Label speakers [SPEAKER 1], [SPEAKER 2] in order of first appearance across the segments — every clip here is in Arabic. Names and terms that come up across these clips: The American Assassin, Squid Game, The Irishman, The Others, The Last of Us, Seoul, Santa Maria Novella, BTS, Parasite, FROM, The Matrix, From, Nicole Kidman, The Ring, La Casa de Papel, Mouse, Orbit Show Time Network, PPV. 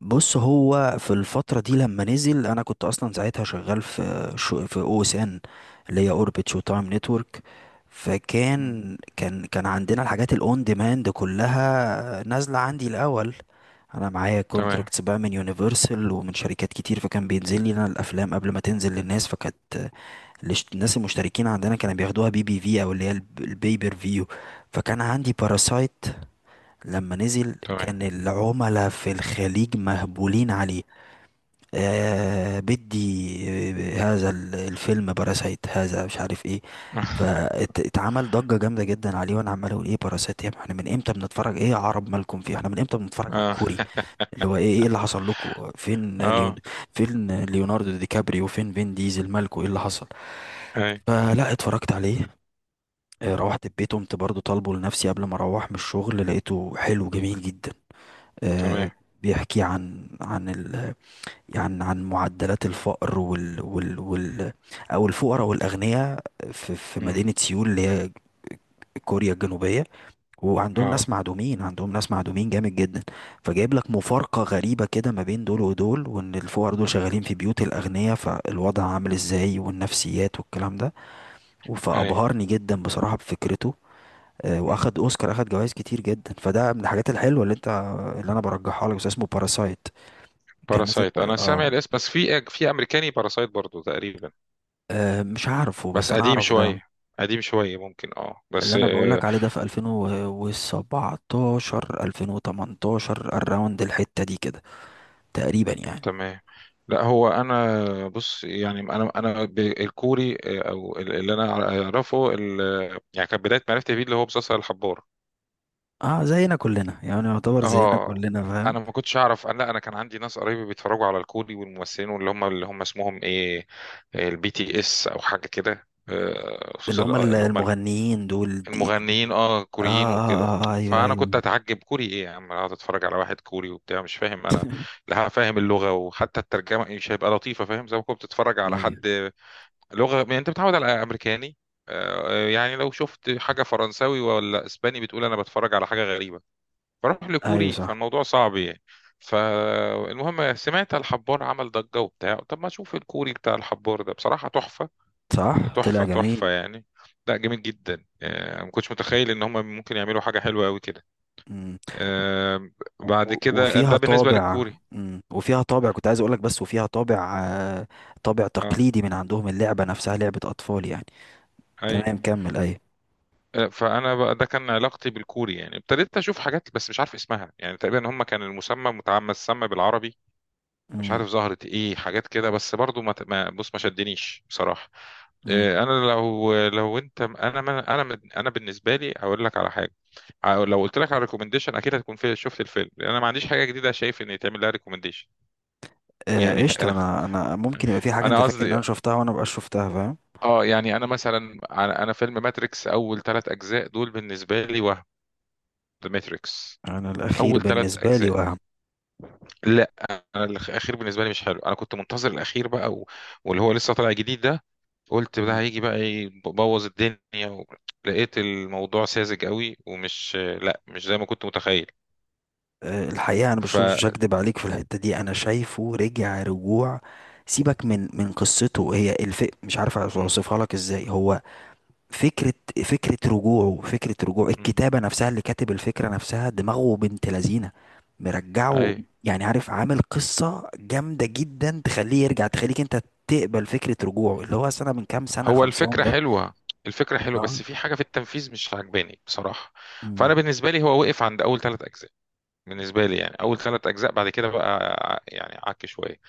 [SPEAKER 1] بص، هو في الفترة دي لما نزل أنا كنت أصلا ساعتها شغال في شو، في أو إس إن، اللي هي أوربت شو تايم نتورك.
[SPEAKER 2] مم.
[SPEAKER 1] فكان كان كان عندنا الحاجات الأون ديماند كلها نازلة عندي الأول. أنا معايا
[SPEAKER 2] تمام،
[SPEAKER 1] كونتراكتس بقى من يونيفرسال ومن شركات كتير، فكان بينزل لي أنا الأفلام قبل ما تنزل للناس. فكانت الناس المشتركين عندنا كانوا بياخدوها بي بي في أو، اللي هي البيبر فيو. فكان عندي باراسايت لما نزل،
[SPEAKER 2] تمام.
[SPEAKER 1] كان العملاء في الخليج مهبولين عليه. آه بدي، هذا الفيلم باراسايت، هذا مش عارف ايه. فاتعمل ضجة جامدة جدا عليه، وانا عمال اقول ايه باراسايت يا ابني؟ احنا من امتى بنتفرج؟ ايه يا عرب مالكم فيه؟ احنا من امتى بنتفرج على
[SPEAKER 2] اه،
[SPEAKER 1] الكوري اللي هو ايه؟ ايه اللي حصل لكم؟
[SPEAKER 2] اه،
[SPEAKER 1] فين ليوناردو دي كابريو؟ فين ديزل؟ مالكم ايه اللي حصل؟
[SPEAKER 2] اي.
[SPEAKER 1] فلا اتفرجت عليه. روحت البيت، قمت برضو طالبه لنفسي قبل ما اروح من الشغل، لقيته حلو جميل جدا. آه،
[SPEAKER 2] تمام.
[SPEAKER 1] بيحكي عن عن ال عن عن معدلات الفقر وال وال وال او الفقراء والاغنياء، في
[SPEAKER 2] مم.
[SPEAKER 1] مدينه سيول، اللي هي كوريا الجنوبيه. وعندهم
[SPEAKER 2] اه،
[SPEAKER 1] ناس معدومين، عندهم ناس معدومين جامد جدا. فجايب لك مفارقه غريبه كده ما بين دول ودول، وان الفقراء دول شغالين في بيوت الاغنياء، فالوضع عامل ازاي، والنفسيات والكلام ده.
[SPEAKER 2] اي.
[SPEAKER 1] فابهرني جدا بصراحه بفكرته.
[SPEAKER 2] مم.
[SPEAKER 1] واخد اوسكار، اخد جوائز كتير جدا، فده من الحاجات الحلوه اللي انا برجحها لك، بس اسمه باراسايت. كان نازل.
[SPEAKER 2] باراسايت، انا سامع
[SPEAKER 1] اه.
[SPEAKER 2] الاسم، بس في امريكاني باراسايت برضو تقريبا.
[SPEAKER 1] مش عارفه بس
[SPEAKER 2] بس
[SPEAKER 1] انا
[SPEAKER 2] قديم
[SPEAKER 1] اعرف ده.
[SPEAKER 2] شويه، قديم شويه ممكن، اه
[SPEAKER 1] اللي
[SPEAKER 2] بس
[SPEAKER 1] انا بقولك عليه ده في 2017 2018، الراوند الحتة دي كده تقريبا يعني.
[SPEAKER 2] تمام. لا هو انا بص، يعني الكوري او اللي انا اعرفه يعني كانت بدايه معرفتي بيه اللي هو مسلسل الحبار.
[SPEAKER 1] اه، زينا كلنا يعني، يعتبر زينا
[SPEAKER 2] اه،
[SPEAKER 1] كلنا، فاهم؟
[SPEAKER 2] انا ما كنتش اعرف، انا لا انا كان عندي ناس قرايبي بيتفرجوا على الكوري والممثلين، واللي هم اسمهم ايه، البي تي اس او حاجه كده،
[SPEAKER 1] اللي
[SPEAKER 2] خصوصا
[SPEAKER 1] هم
[SPEAKER 2] اللي هم
[SPEAKER 1] المغنيين دول دي دي
[SPEAKER 2] المغنيين، اه
[SPEAKER 1] اه
[SPEAKER 2] كوريين وكده.
[SPEAKER 1] اه اه، ايوه
[SPEAKER 2] فانا
[SPEAKER 1] ايوه.
[SPEAKER 2] كنت اتعجب، كوري ايه يا عم، اقعد اتفرج على واحد كوري وبتاع مش فاهم انا، لا فاهم اللغه، وحتى الترجمه مش هيبقى لطيفه، فاهم؟ زي ما كنت بتتفرج على
[SPEAKER 1] ايوه
[SPEAKER 2] حد لغه، يعني انت متعود على امريكاني، يعني لو شفت حاجه فرنساوي ولا اسباني بتقول انا بتفرج على حاجه غريبه، بروح
[SPEAKER 1] ايوه،
[SPEAKER 2] لكوري،
[SPEAKER 1] صح.
[SPEAKER 2] فالموضوع صعب يعني. فالمهم، سمعت الحبار عمل ضجة وبتاع، طب ما اشوف الكوري بتاع الحبار ده، بصراحة تحفة،
[SPEAKER 1] صح طلع
[SPEAKER 2] تحفة تحفة
[SPEAKER 1] جميل.
[SPEAKER 2] يعني، لا جامد جدا، ما كنتش متخيل ان هم ممكن يعملوا حاجة حلوة قوي كده.
[SPEAKER 1] مم.
[SPEAKER 2] آه، بعد كده،
[SPEAKER 1] وفيها
[SPEAKER 2] ده بالنسبة
[SPEAKER 1] طابع.
[SPEAKER 2] للكوري.
[SPEAKER 1] مم. وفيها طابع كنت عايز اقولك، بس وفيها طابع، طابع
[SPEAKER 2] اه،
[SPEAKER 1] تقليدي من عندهم، اللعبة نفسها لعبة اطفال يعني.
[SPEAKER 2] اي.
[SPEAKER 1] تمام كمل. ايوه.
[SPEAKER 2] فانا بقى ده كان علاقتي بالكوري، يعني ابتديت اشوف حاجات بس مش عارف اسمها، يعني تقريبا هم كان المسمى متعمد مسمى بالعربي. مش
[SPEAKER 1] مم.
[SPEAKER 2] عارف ظهرت ايه حاجات كده، بس برضو بص، ما شدنيش بصراحة.
[SPEAKER 1] مم.
[SPEAKER 2] انا لو انت، انا ما- انا من- انا بالنسبه لي هقول لك على حاجه، لو قلت لك على ريكومنديشن اكيد هتكون في، شفت الفيلم، لان انا ما عنديش حاجه جديده شايف ان يتعمل لها ريكومنديشن يعني.
[SPEAKER 1] قشطة.
[SPEAKER 2] انا
[SPEAKER 1] انا ممكن يبقى في حاجة انت
[SPEAKER 2] انا
[SPEAKER 1] فاكر ان
[SPEAKER 2] قصدي.
[SPEAKER 1] انا شفتها وانا مبقاش شفتها، فاهم؟
[SPEAKER 2] اه، يعني انا مثلا، انا فيلم ماتريكس، اول ثلاث اجزاء دول بالنسبه لي، وهم ذا ماتريكس،
[SPEAKER 1] انا الاخير
[SPEAKER 2] اول ثلاث
[SPEAKER 1] بالنسبة لي
[SPEAKER 2] اجزاء.
[SPEAKER 1] واهم.
[SPEAKER 2] لا، انا الاخير بالنسبه لي مش حلو، انا كنت منتظر الاخير بقى واللي هو لسه طالع جديد ده، قلت ده
[SPEAKER 1] مم.
[SPEAKER 2] هيجي بقى يبوظ الدنيا لقيت الموضوع ساذج قوي، ومش، لا مش زي ما كنت متخيل.
[SPEAKER 1] الحقيقة انا
[SPEAKER 2] ف
[SPEAKER 1] مش هكدب عليك في الحتة دي، انا شايفه رجع رجوع. سيبك من قصته، هي الف مش عارف
[SPEAKER 2] مم.
[SPEAKER 1] اوصفها لك ازاي، هو فكرة. فكرة رجوعه، فكرة رجوعه،
[SPEAKER 2] مم.
[SPEAKER 1] الكتابة نفسها، اللي كاتب الفكرة نفسها دماغه بنت لذينة.
[SPEAKER 2] اي.
[SPEAKER 1] مرجعه. يعني عارف، عامل قصة جامدة جدا تخليه يرجع، تخليك انت تقبل فكرة رجوعه، اللي هو سنة من كام سنة
[SPEAKER 2] هو
[SPEAKER 1] خلصان
[SPEAKER 2] الفكرة
[SPEAKER 1] ده.
[SPEAKER 2] حلوة، الفكرة حلوة
[SPEAKER 1] اه.
[SPEAKER 2] بس في حاجة في التنفيذ مش عاجباني بصراحة.
[SPEAKER 1] مم.
[SPEAKER 2] فأنا بالنسبة لي هو وقف عند أول ثلاث أجزاء، بالنسبة لي يعني، أول ثلاث أجزاء، بعد كده بقى يعني عك شوية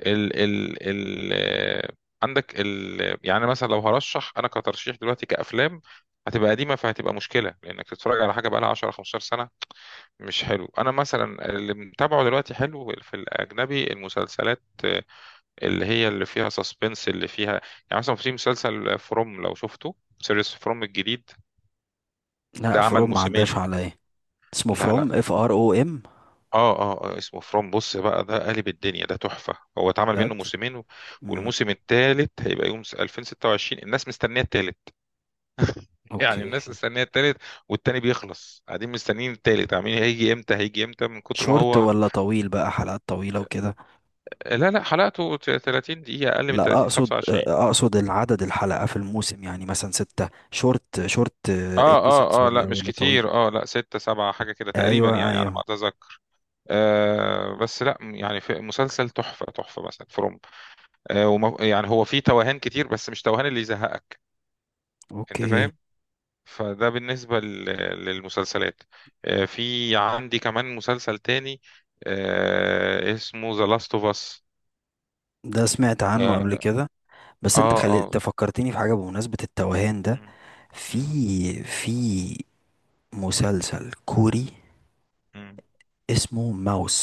[SPEAKER 2] ال ال ال آه، عندك يعني مثلا لو هرشح أنا كترشيح دلوقتي كأفلام، هتبقى قديمة، فهتبقى مشكلة لأنك تتفرج على حاجة بقى لها 10 15 سنة، مش حلو. انا مثلا اللي متابعه دلوقتي حلو في الاجنبي المسلسلات، اللي هي اللي فيها سسبنس، اللي فيها، يعني مثلا في مسلسل فروم، لو شفته، سيريس فروم الجديد ده،
[SPEAKER 1] لا،
[SPEAKER 2] عمل
[SPEAKER 1] فروم ما عداش
[SPEAKER 2] موسمين.
[SPEAKER 1] عليا. اسمه
[SPEAKER 2] لا
[SPEAKER 1] فروم،
[SPEAKER 2] لا.
[SPEAKER 1] اف ار او ام.
[SPEAKER 2] اه اه، اسمه فروم، بص بقى ده قالب الدنيا، ده تحفة، هو اتعمل منه
[SPEAKER 1] بجد.
[SPEAKER 2] موسمين
[SPEAKER 1] مم.
[SPEAKER 2] والموسم الثالث هيبقى يوم 2026، الناس مستنية الثالث. يعني
[SPEAKER 1] اوكي.
[SPEAKER 2] الناس مستنية الثالث، والتاني بيخلص، قاعدين مستنيين الثالث، عاملين هيجي امتى، هيجي امتى، من كتر ما
[SPEAKER 1] شورت
[SPEAKER 2] هو.
[SPEAKER 1] ولا طويل بقى؟ حلقات طويلة وكده؟
[SPEAKER 2] لا لا، حلقته 30 دقيقة، أقل من
[SPEAKER 1] لا،
[SPEAKER 2] 30،
[SPEAKER 1] اقصد
[SPEAKER 2] 25.
[SPEAKER 1] اقصد العدد، الحلقة في الموسم، يعني مثلا ستة؟ شورت شورت.
[SPEAKER 2] اه
[SPEAKER 1] ايبيسودز
[SPEAKER 2] اه اه، لا
[SPEAKER 1] ولا
[SPEAKER 2] مش
[SPEAKER 1] ولا طويل؟
[SPEAKER 2] كتير، اه، لا ستة سبعة حاجة كده تقريبا
[SPEAKER 1] ايوه
[SPEAKER 2] يعني على ما
[SPEAKER 1] ايوه.
[SPEAKER 2] اتذكر. آه بس لا، يعني في مسلسل تحفة تحفة مثلا فروم. يعني هو فيه توهان كتير، بس مش توهان اللي يزهقك، انت
[SPEAKER 1] اوكي.
[SPEAKER 2] فاهم؟ فده بالنسبة للمسلسلات. آه، في عندي كمان مسلسل تاني، آه اسمه ذا لاست اوف اس.
[SPEAKER 1] ده سمعت عنه قبل
[SPEAKER 2] اه
[SPEAKER 1] كده. بس انت
[SPEAKER 2] اه
[SPEAKER 1] خلي،
[SPEAKER 2] آه.
[SPEAKER 1] انت فكرتني في حاجة بمناسبة التوهان ده.
[SPEAKER 2] م-
[SPEAKER 1] في
[SPEAKER 2] م-
[SPEAKER 1] في مسلسل كوري
[SPEAKER 2] م.
[SPEAKER 1] اسمه ماوس،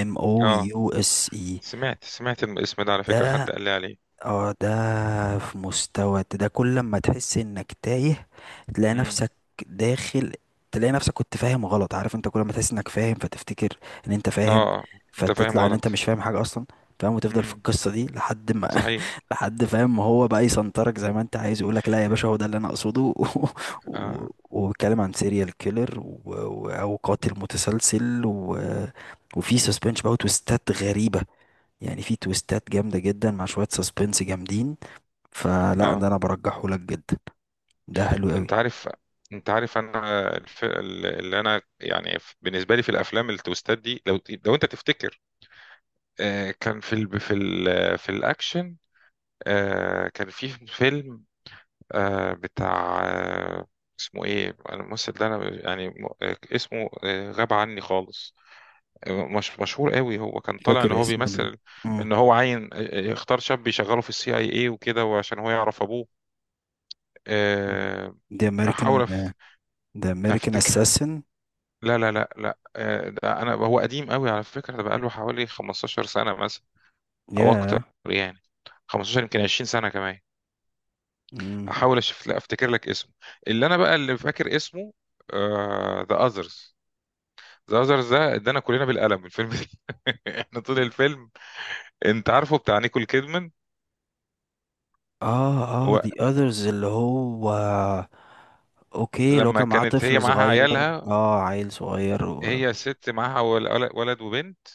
[SPEAKER 1] ام او
[SPEAKER 2] آه.
[SPEAKER 1] يو اس اي.
[SPEAKER 2] سمعت، سمعت الاسم ده على فكرة، حد
[SPEAKER 1] ده
[SPEAKER 2] قال لي عليه.
[SPEAKER 1] اه ده في مستوى، ده كل ما تحس انك تايه تلاقي
[SPEAKER 2] امم.
[SPEAKER 1] نفسك داخل، تلاقي نفسك كنت فاهم غلط. عارف انت، كل ما تحس انك فاهم فتفتكر ان انت
[SPEAKER 2] اه
[SPEAKER 1] فاهم،
[SPEAKER 2] انت فاهم
[SPEAKER 1] فتطلع ان انت
[SPEAKER 2] غلط.
[SPEAKER 1] مش فاهم حاجة اصلا، فاهم؟ وتفضل في
[SPEAKER 2] امم،
[SPEAKER 1] القصة دي لحد ما
[SPEAKER 2] صحيح.
[SPEAKER 1] لحد فاهم ما هو بقى، يسنطرك زي ما انت عايز، يقولك لا يا باشا هو ده اللي انا اقصده
[SPEAKER 2] اه
[SPEAKER 1] وبيتكلم عن سيريال كيلر او قاتل متسلسل وفي سسبنش بقى وتويستات غريبة، يعني في تويستات جامدة جدا مع شوية سسبنس جامدين. فلا ده
[SPEAKER 2] اه.
[SPEAKER 1] انا برجحه لك جدا، ده حلو قوي.
[SPEAKER 2] انت عارف، انت عارف انا الف... اللي انا يعني بالنسبه لي في الافلام التويستات دي، لو لو انت تفتكر، آه كان في الاكشن، آه كان في فيلم، آه بتاع آه اسمه ايه الممثل ده، انا يعني اسمه غاب عني خالص، مش مشهور قوي، هو كان طالع ان
[SPEAKER 1] فاكر
[SPEAKER 2] هو
[SPEAKER 1] اسم
[SPEAKER 2] بيمثل
[SPEAKER 1] مم.
[SPEAKER 2] ان هو عين، اختار شاب يشغله في السي اي اي وكده، وعشان هو يعرف ابوه. آه،
[SPEAKER 1] The American
[SPEAKER 2] احاول
[SPEAKER 1] The American
[SPEAKER 2] افتكر.
[SPEAKER 1] Assassin.
[SPEAKER 2] لا لا لا لا، ده انا، هو قديم قوي على فكرة، ده بقاله حوالي 15 سنة مثلا او اكتر،
[SPEAKER 1] ياه.
[SPEAKER 2] يعني 15 يمكن 20 سنة كمان.
[SPEAKER 1] مم.
[SPEAKER 2] احاول اشوف، لا افتكر لك اسمه، اللي انا بقى اللي فاكر اسمه ذا اذرز. ذا اذرز ده ادانا كلنا بالقلم الفيلم ده. احنا طول الفيلم، انت عارفه بتاع نيكول كيدمان،
[SPEAKER 1] اه اه،
[SPEAKER 2] هو
[SPEAKER 1] The Others اللي هو؟ اوكي، لو
[SPEAKER 2] لما
[SPEAKER 1] كان معاه
[SPEAKER 2] كانت هي
[SPEAKER 1] طفل
[SPEAKER 2] معاها
[SPEAKER 1] صغير،
[SPEAKER 2] عيالها،
[SPEAKER 1] عيل صغير
[SPEAKER 2] هي ست معاها ولد وبنت،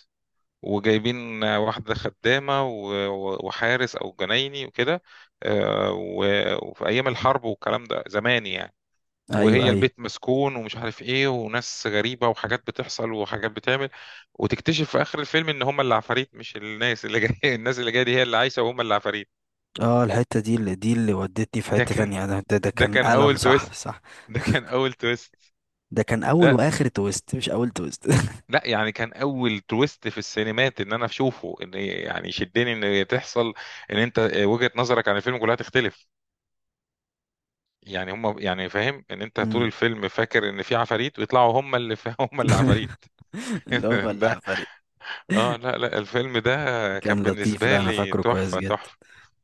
[SPEAKER 2] وجايبين واحدة خدامة وحارس أو جنايني وكده، وفي أيام الحرب والكلام ده، زمان يعني،
[SPEAKER 1] ايوه
[SPEAKER 2] وهي
[SPEAKER 1] ايوه.
[SPEAKER 2] البيت مسكون ومش عارف ايه، وناس غريبة، وحاجات بتحصل وحاجات بتعمل، وتكتشف في آخر الفيلم إن هما العفاريت، مش الناس اللي جاية. الناس اللي جاية دي هي اللي عايشة وهما العفاريت.
[SPEAKER 1] اه، الحتة دي اللي ودتني في
[SPEAKER 2] ده
[SPEAKER 1] حتة
[SPEAKER 2] كان
[SPEAKER 1] تانية، ده
[SPEAKER 2] ده
[SPEAKER 1] كان
[SPEAKER 2] كان
[SPEAKER 1] ألم.
[SPEAKER 2] أول
[SPEAKER 1] صح
[SPEAKER 2] تويست،
[SPEAKER 1] صح.
[SPEAKER 2] ده كان أول تويست.
[SPEAKER 1] ده كان أول
[SPEAKER 2] لا
[SPEAKER 1] وآخر تويست، مش أول تويست.
[SPEAKER 2] لا، يعني كان اول تويست في السينمات ان انا اشوفه، ان يعني شدني، ان تحصل، ان انت وجهة نظرك عن الفيلم كلها تختلف، يعني هم، يعني فاهم، ان انت طول الفيلم فاكر ان في عفاريت ويطلعوا هم اللي هم اللي عفاريت.
[SPEAKER 1] اللي هو
[SPEAKER 2] ده،
[SPEAKER 1] العفاريت.
[SPEAKER 2] اه لا لا، الفيلم ده كان
[SPEAKER 1] كان لطيف،
[SPEAKER 2] بالنسبة
[SPEAKER 1] لا انا
[SPEAKER 2] لي
[SPEAKER 1] فاكره كويس
[SPEAKER 2] تحفة
[SPEAKER 1] جدا.
[SPEAKER 2] تحفة.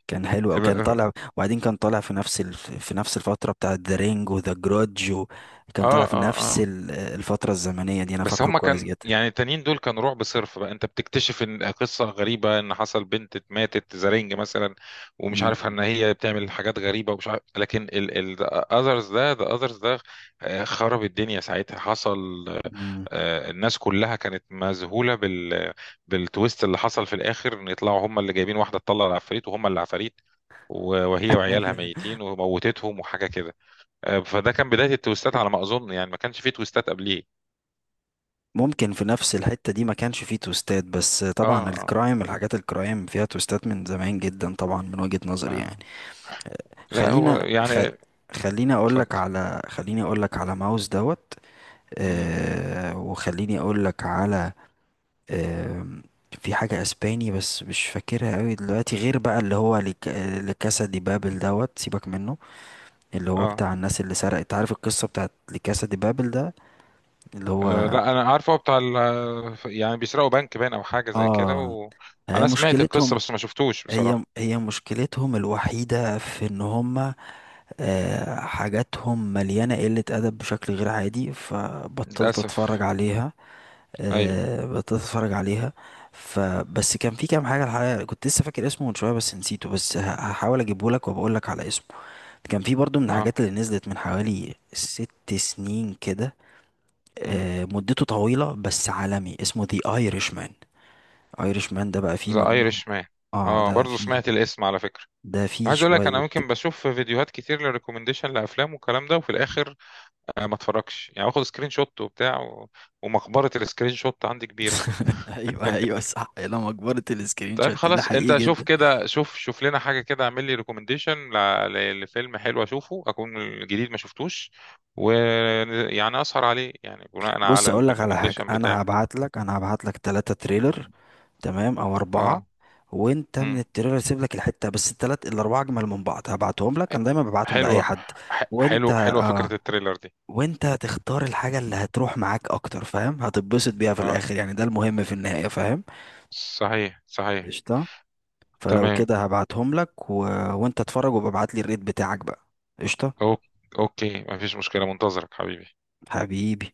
[SPEAKER 1] كان حلو وكان
[SPEAKER 2] اه
[SPEAKER 1] طالع. وبعدين كان طالع في نفس في نفس الفتره بتاعه ذا رينج وذا جرودج كان
[SPEAKER 2] اه
[SPEAKER 1] طالع في نفس
[SPEAKER 2] اه،
[SPEAKER 1] الفتره الزمنيه دي، انا
[SPEAKER 2] بس
[SPEAKER 1] فاكره
[SPEAKER 2] هما
[SPEAKER 1] كويس
[SPEAKER 2] كان
[SPEAKER 1] جدا.
[SPEAKER 2] يعني التانيين دول كانوا رعب صرف بقى، انت بتكتشف ان قصة غريبة ان حصل بنت ماتت زرينج مثلا، ومش عارف
[SPEAKER 1] امم.
[SPEAKER 2] ان هي بتعمل حاجات غريبة ومش عارف، لكن الاذرز ده، ذا اذرز ده، خرب الدنيا ساعتها، حصل،
[SPEAKER 1] امم.
[SPEAKER 2] الناس كلها كانت مذهولة بالتويست اللي حصل في الاخر، ان يطلعوا هما اللي جايبين واحدة تطلع العفاريت وهما اللي عفاريت، وهي وعيالها
[SPEAKER 1] ايوه.
[SPEAKER 2] ميتين، وموتتهم وحاجة كده. فده كان بداية التويستات على ما اظن، يعني ما كانش فيه تويستات قبليه.
[SPEAKER 1] ممكن في نفس الحته دي ما كانش فيه توستات، بس
[SPEAKER 2] اه
[SPEAKER 1] طبعا
[SPEAKER 2] اه
[SPEAKER 1] الكرايم، الحاجات الكرايم فيها توستات من زمان جدا طبعا، من وجهه نظري يعني.
[SPEAKER 2] آه. لا هو
[SPEAKER 1] خلينا خ...
[SPEAKER 2] يعني،
[SPEAKER 1] خليني اقول
[SPEAKER 2] اتفضل.
[SPEAKER 1] لك على، ماوس دوت.
[SPEAKER 2] امم.
[SPEAKER 1] وخليني اقول لك على. آم، في حاجة اسباني بس مش فاكرها قوي دلوقتي، غير بقى اللي هو لكاسا دي بابل دوت. سيبك منه. اللي هو
[SPEAKER 2] اه
[SPEAKER 1] بتاع الناس اللي سرقت، عارف القصة بتاعت لكاسا دي بابل ده؟ اللي هو
[SPEAKER 2] لا انا عارفه، هو بتاع يعني بيسرقوا بنك باين او حاجه زي كده،
[SPEAKER 1] اه. هي
[SPEAKER 2] وانا سمعت القصه
[SPEAKER 1] مشكلتهم،
[SPEAKER 2] بس ما شفتوش
[SPEAKER 1] هي
[SPEAKER 2] بصراحه.
[SPEAKER 1] هي مشكلتهم الوحيدة في ان هما، حاجاتهم مليانة قلة أدب بشكل غير عادي، فبطلت
[SPEAKER 2] للاسف.
[SPEAKER 1] أتفرج عليها.
[SPEAKER 2] ايوه.
[SPEAKER 1] بدأت اتفرج عليها، فبس كان في كام حاجه. الحقيقه كنت لسه فاكر اسمه من شويه بس نسيته، بس هحاول اجيبه لك وبقول لك على اسمه. كان في برضو من
[SPEAKER 2] اه.
[SPEAKER 1] الحاجات اللي نزلت من حوالي 6 سنين كده،
[SPEAKER 2] امم.
[SPEAKER 1] مدته طويله بس عالمي، اسمه The Irishman. Irishman ده بقى فيه
[SPEAKER 2] ذا
[SPEAKER 1] مجموعه.
[SPEAKER 2] ايرش مان،
[SPEAKER 1] اه
[SPEAKER 2] اه
[SPEAKER 1] ده
[SPEAKER 2] برضه
[SPEAKER 1] فيه.
[SPEAKER 2] سمعت الاسم على فكره.
[SPEAKER 1] ده فيه
[SPEAKER 2] عايز اقول لك، انا
[SPEAKER 1] شويه.
[SPEAKER 2] ممكن بشوف فيديوهات كتير للريكومنديشن لافلام والكلام ده، وفي الاخر آه ما اتفرجش، يعني باخد سكرين شوت وبتاع ومقبره السكرين شوت عندي كبيره.
[SPEAKER 1] ايوه ايوه صح، يا لما كبرت السكرين
[SPEAKER 2] طيب
[SPEAKER 1] شوت ده
[SPEAKER 2] خلاص انت
[SPEAKER 1] حقيقي.
[SPEAKER 2] شوف كده، شوف شوف لنا حاجه كده، اعمل لي ريكومنديشن لفيلم حلو اشوفه، اكون الجديد ما شفتوش، ويعني اسهر عليه، يعني بناء
[SPEAKER 1] بص،
[SPEAKER 2] على
[SPEAKER 1] اقول لك على حاجه،
[SPEAKER 2] الريكومنديشن
[SPEAKER 1] انا
[SPEAKER 2] بتاعك.
[SPEAKER 1] هبعت لك، ثلاثة تريلر،
[SPEAKER 2] مم.
[SPEAKER 1] تمام؟ او اربعه.
[SPEAKER 2] اه.
[SPEAKER 1] وانت من
[SPEAKER 2] مم.
[SPEAKER 1] التريلر سيب لك الحته بس، الثلاث الاربعه اجمل من بعض، هبعتهم لك، انا دايما ببعتهم لاي
[SPEAKER 2] حلوه،
[SPEAKER 1] حد. وانت
[SPEAKER 2] حلو، حلوه
[SPEAKER 1] آه،
[SPEAKER 2] فكره التريلر دي.
[SPEAKER 1] وانت هتختار الحاجه اللي هتروح معاك اكتر، فاهم؟ هتتبسط بيها في
[SPEAKER 2] اه،
[SPEAKER 1] الاخر، يعني ده المهم في النهايه، فاهم؟
[SPEAKER 2] صحيح صحيح.
[SPEAKER 1] قشطه. فلو
[SPEAKER 2] تمام.
[SPEAKER 1] كده هبعتهم لك وانت اتفرج وابعت لي الريت بتاعك بقى. قشطه.
[SPEAKER 2] أوك- اوكي، مفيش مشكله، منتظرك حبيبي.
[SPEAKER 1] حبيبي.